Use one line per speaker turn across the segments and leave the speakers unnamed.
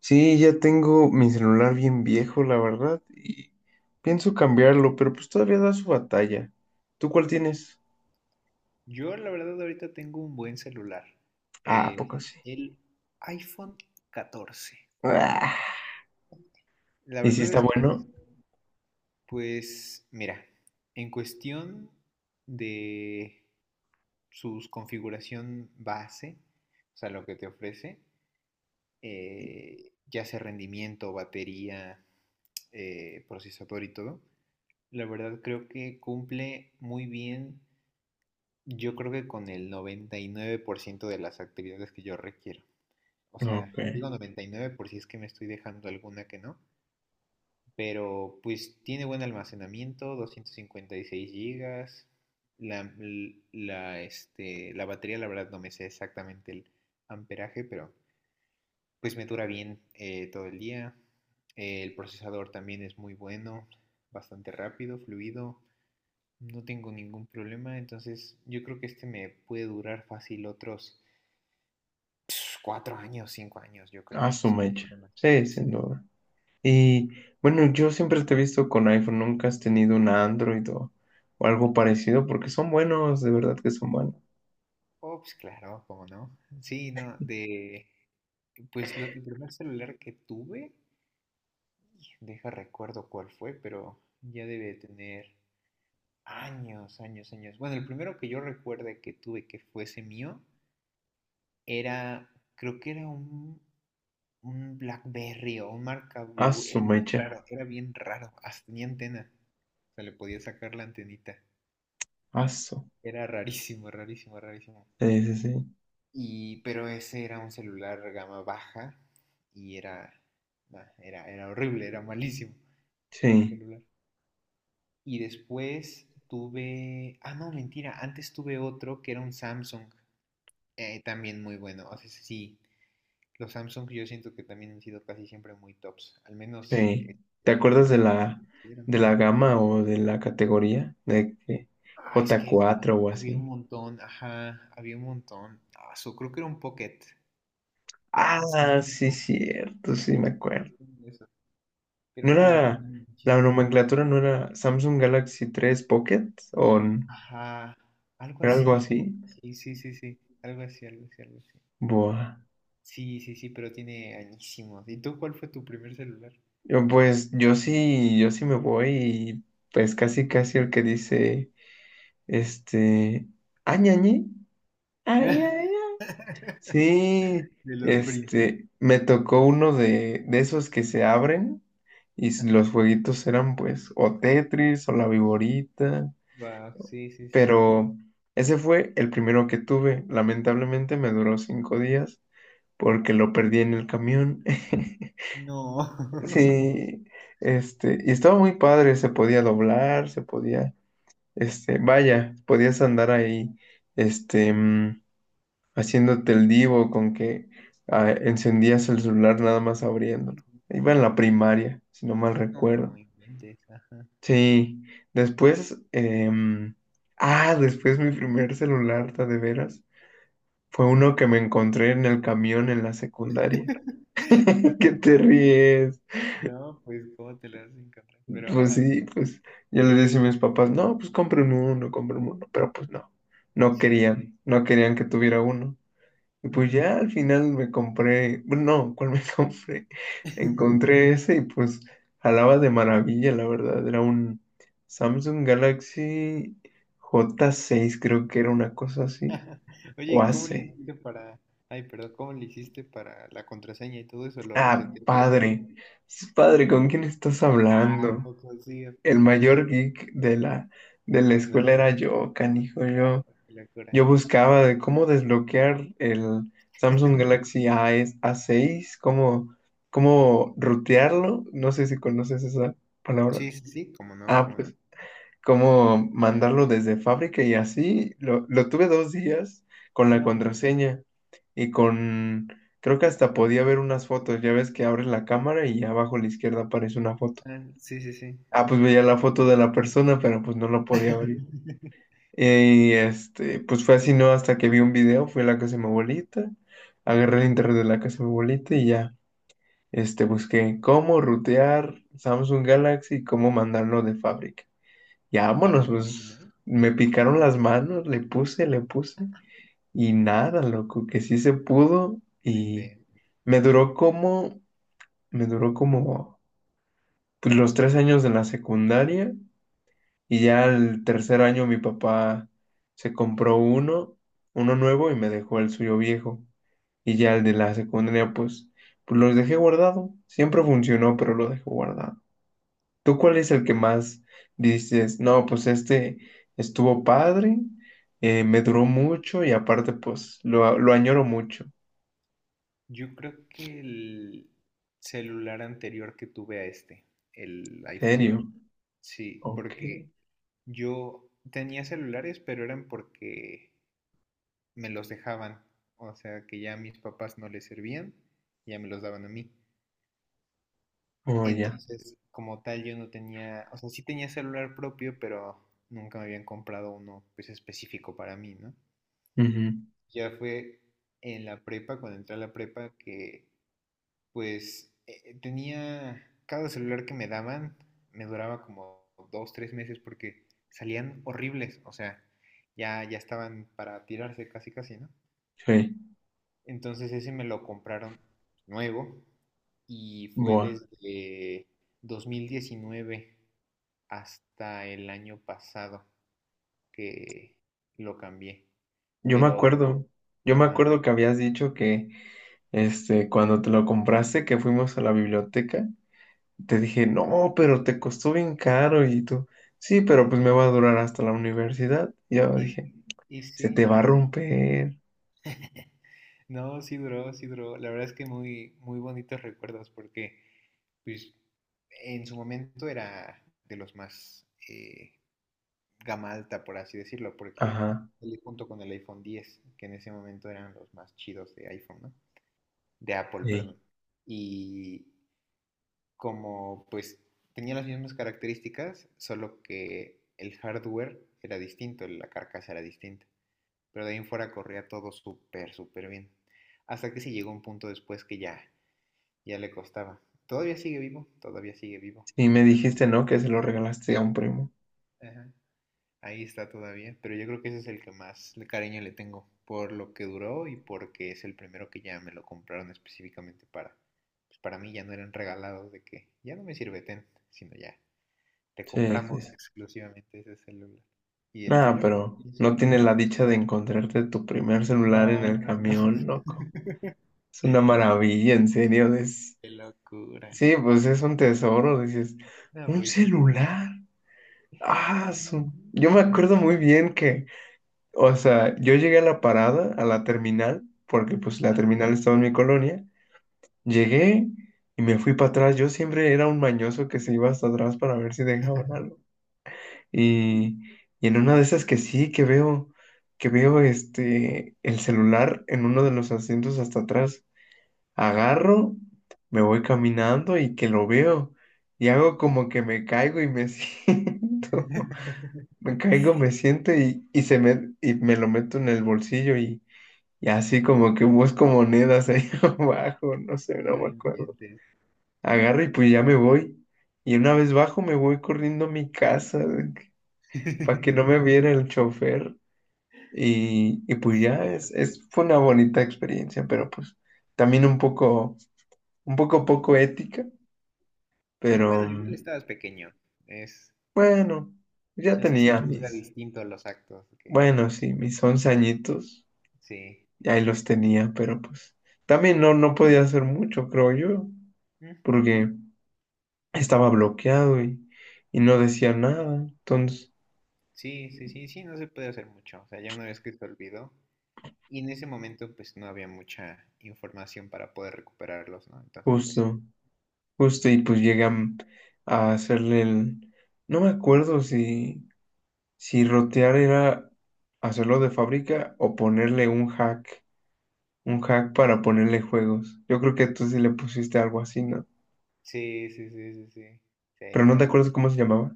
Sí, ya tengo mi celular bien viejo, la verdad, y pienso cambiarlo, pero pues todavía da su batalla. ¿Tú cuál tienes?
Yo la verdad ahorita tengo un buen celular.
Ah, ¿a
Es
poco sí?
el iPhone 14.
Ah,
La
¿Y si
verdad
está
es que,
bueno?
pues, mira, en cuestión de su configuración base, o sea, lo que te ofrece, ya sea rendimiento, batería, procesador y todo, la verdad creo que cumple muy bien, yo creo que con el 99% de las actividades que yo requiero. O sea,
Ok.
digo 99 por si es que me estoy dejando alguna que no. Pero pues tiene buen almacenamiento, 256 gigas. La, la batería, la verdad, no me sé exactamente el amperaje, pero pues me dura bien todo el día. El procesador también es muy bueno, bastante rápido, fluido. No tengo ningún problema, entonces yo creo que este me puede durar fácil otros 4 años, 5 años, yo creo,
Ah, su
sin
mecha.
problemas.
Sí, sin duda. Y bueno, yo siempre te he visto con iPhone, nunca has tenido un Android o algo parecido, porque son buenos, de verdad que son buenos.
Oh, pues claro, ¿cómo no? Sí, no, de... Pues el primer celular que tuve, deja recuerdo cuál fue, pero ya debe de tener años, años, años. Bueno, el primero que yo recuerde que tuve que fuese mío era, creo que era un BlackBerry o un marca
Ah,
Blue.
su
Era bien
mecha.
raro, era bien raro. Hasta tenía antena. O sea, le podía sacar la antenita.
Ah, su.
Era rarísimo, rarísimo, rarísimo.
Sí, sí, sí.
Y, pero ese era un celular gama baja y era, nah, era horrible, era malísimo el
Sí.
celular. Y después tuve, no, mentira, antes tuve otro que era un Samsung, también muy bueno. O sea, sí, los Samsung yo siento que también han sido casi siempre muy tops, al menos,
Sí. ¿Te
este,
acuerdas
¿eran?
de la gama o de la categoría? De que
Ah, es
j
que
cuatro o
había un
así.
montón, ajá, había un montón. Ah, creo que era un Pocket. Un
Ah,
Samsung
sí,
Pocket.
cierto, sí, me acuerdo.
Pero
¿No
no, hombre,
era,
tiene
la
muchísimo.
nomenclatura no era Samsung Galaxy 3 Pocket o
Ajá, algo
era algo
así.
así?
Sí, sí, sí, sí. Algo así, algo así, algo así.
Buah.
Sí, sí, sí, pero tiene añísimos. ¿Y tú cuál fue tu primer celular?
Yo sí me voy y pues casi casi el que dice, este, añañi, ay, ay, ay. Sí,
De los primos.
me tocó uno de esos que se abren y
Ajá.
los jueguitos eran pues o Tetris o la Viborita,
Wow, sí, sí, sí.
pero ese fue el primero que tuve. Lamentablemente me duró 5 días porque lo perdí en el camión.
No.
Sí, y estaba muy padre, se podía doblar, se podía, vaya, podías andar ahí, este, mm, haciéndote el divo con que ah, encendías el celular nada más
Sí, sí,
abriéndolo.
sí.
Iba en la primaria, si no mal
No,
recuerdo.
no inventes. Ajá.
Sí, después, después mi primer celular, ta de veras, fue uno que me encontré en el camión en la secundaria.
No,
¿Qué te
man.
ríes?
No, pues, ¿cómo te lo vas a encontrar? Pero,
Pues
ajá,
sí, pues yo le decía a mis papás, no, pues compren uno, pero pues no, no
sí, sí.
querían, no querían que tuviera uno. Y pues ya
Ujú.
al final me compré, bueno, no, ¿cuál me compré? Encontré ese y pues jalaba de maravilla, la verdad. Era un Samsung Galaxy J6, creo que era una cosa así.
Oye,
O
¿y cómo le
AC.
hiciste para... Ay, perdón, ¿cómo le hiciste para la contraseña y todo eso? ¿Lo
Ah,
reseteaste de fábrica?
padre. Es padre, ¿con quién estás
Ah, ¿a
hablando?
poco sí, a
El
poco sí?
mayor geek de la escuela era
Tecnología.
yo, canijo,
Ah,
yo.
qué locura.
Yo buscaba de cómo desbloquear el Samsung Galaxy A A6, cómo, cómo rutearlo. No sé si conoces esa palabra.
Sí, sí, sí, ¿cómo no?
Ah,
¿Cómo
pues,
no?
cómo mandarlo desde fábrica y así. Lo tuve 2 días con la
No,
contraseña y con... Creo que hasta podía ver unas fotos. Ya ves que abres la cámara y abajo a la izquierda aparece una foto.
ah, sí, sí, sí.
Ah, pues veía la foto de la persona, pero pues no la podía abrir. Y pues fue así, ¿no? Hasta que vi un video, fui a la casa de mi abuelita, agarré el internet de la casa de mi abuelita y ya, busqué cómo rutear Samsung Galaxy cómo mandarlo de fábrica. Ya
Y
vámonos,
para ti,
pues
¿no?
me picaron las manos, le puse y nada, loco, que sí se pudo
No
y
inventes.
me duró como, me duró como pues, los 3 años de la secundaria. Y ya el tercer año mi papá se compró uno, uno nuevo y me dejó el suyo viejo. Y ya el de la secundaria, pues, pues los dejé guardado. Siempre funcionó, pero lo dejé guardado. ¿Tú cuál es el que más dices? No, pues este estuvo padre, me duró mucho y aparte, pues, lo añoro mucho.
Yo creo que el celular anterior que tuve a este, el
¿En
iPhone 8.
serio?
Sí,
Ok.
porque yo tenía celulares, pero eran porque me los dejaban, o sea, que ya a mis papás no les servían, ya me los daban a mí.
Oh, ya.
Entonces, como tal, yo no tenía, o sea, sí tenía celular propio, pero nunca me habían comprado uno pues específico para mí, ¿no?
Ujú.
Ya fue en la prepa, cuando entré a la prepa, que pues tenía, cada celular que me daban me duraba como 2, 3 meses porque salían horribles, o sea, ya, ya estaban para tirarse casi, casi, ¿no?
Sí.
Entonces ese me lo compraron nuevo y fue
Buah.
desde 2019 hasta el año pasado que lo cambié.
Yo me
Pero,
acuerdo. Yo me
ajá,
acuerdo que habías dicho que, cuando te lo compraste, que fuimos a la biblioteca, te dije, no, pero te costó bien caro. Y tú, sí, pero pues me va a durar hasta la universidad. Y yo
y,
dije,
y
se te
sí,
va a romper.
no, sí duró, sí duró. La verdad es que muy, muy bonitos recuerdos porque, pues, en su momento era de los más gama alta, por así decirlo, porque
Ajá.
él junto con el iPhone 10, que en ese momento eran los más chidos de iPhone, ¿no? De Apple,
Sí.
perdón. Y como pues tenía las mismas características, solo que el hardware era distinto, la carcasa era distinta. Pero de ahí en fuera corría todo súper, súper bien. Hasta que se llegó un punto después que ya, ya le costaba. Todavía sigue vivo, todavía sigue vivo.
Y me
Pero,
dijiste, no, que se lo regalaste a un primo.
ajá. Ahí está todavía, pero yo creo que ese es el que más cariño le tengo, por lo que duró y porque es el primero que ya me lo compraron específicamente para, pues para mí ya no eran regalados de que ya no me sirve ten, sino ya te
Sí, sí,
compramos
sí.
exclusivamente ese celular. ¿Y el
Nada,
tuyo?
pero
¿Tienes
no
uno?
tiene la
Ah,
dicha de encontrarte tu primer celular en
no,
el
no, no.
camión, loco. Es una maravilla, en serio. Es...
Qué locura.
Sí, pues es un tesoro. Dices,
No,
un
pues sí.
celular. Ah, su- Yo me acuerdo muy bien que, o sea, yo llegué a la parada, a la terminal, porque pues la
Ajá.
terminal estaba en mi colonia. Llegué y me fui para atrás. Yo siempre era un mañoso que se iba hasta atrás para ver si dejaban algo.
Sí.
Y, y en una de esas que sí, que veo el celular en uno de los asientos hasta atrás. Agarro, me voy caminando y que lo veo. Y hago como que me caigo y me siento. Me caigo, me siento y y me lo meto en el bolsillo y así como que busco monedas ahí abajo, no sé, no
No
me acuerdo.
inventes.
Agarro y pues ya me voy. Y una vez bajo me voy corriendo a mi casa para que no me viera el chofer. Y
Qué
pues ya
suerte.
fue una bonita experiencia, pero pues también un poco poco ética,
Sí,
pero
bueno, igual estabas pequeño. Es,
bueno, ya
Chance se
tenía
juzga
mis,
distinto a los actos, que
bueno, sí, mis 11 añitos.
sí.
Y ahí
Sí.
los tenía, pero pues también no, no podía hacer mucho, creo yo,
Ujú.
porque estaba bloqueado y no decía nada. Entonces,
Sí, sí, sí, sí, no se puede hacer mucho. O sea, ya una vez que se olvidó, y en ese momento pues no había mucha información para poder recuperarlos, ¿no? Entonces, pues sí.
justo, justo, y pues llegué a, a hacerle el... No me acuerdo si, si rotear era hacerlo de fábrica o ponerle un hack para ponerle juegos. Yo creo que tú sí le pusiste algo así, ¿no?
Sí, sí, sí, sí, sí. Sí,
Pero no te
bueno,
acuerdas cómo se llamaba.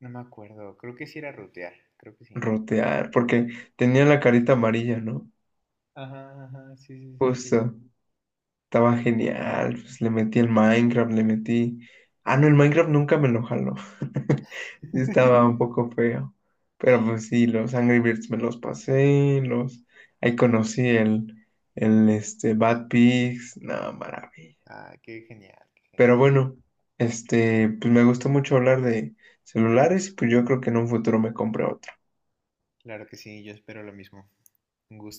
no me acuerdo. Creo que sí era rutear, creo que sí.
Rotear, porque tenía la carita amarilla, ¿no?
Ajá, ajá, sí, sí, sí, creo que sí.
Justo. Estaba genial, pues le metí el Minecraft, le metí... Ah, no, el Minecraft nunca me lo jaló. Sí, estaba un poco feo. Pero pues sí, los Angry Birds me los pasé, los... Ahí conocí el Bad Pigs, no, maravilla.
Ah, qué genial, qué genial.
Pero bueno, pues me gustó mucho hablar de celulares, pues yo creo que en un futuro me compré otro.
Claro que sí, yo espero lo mismo. Un gusto.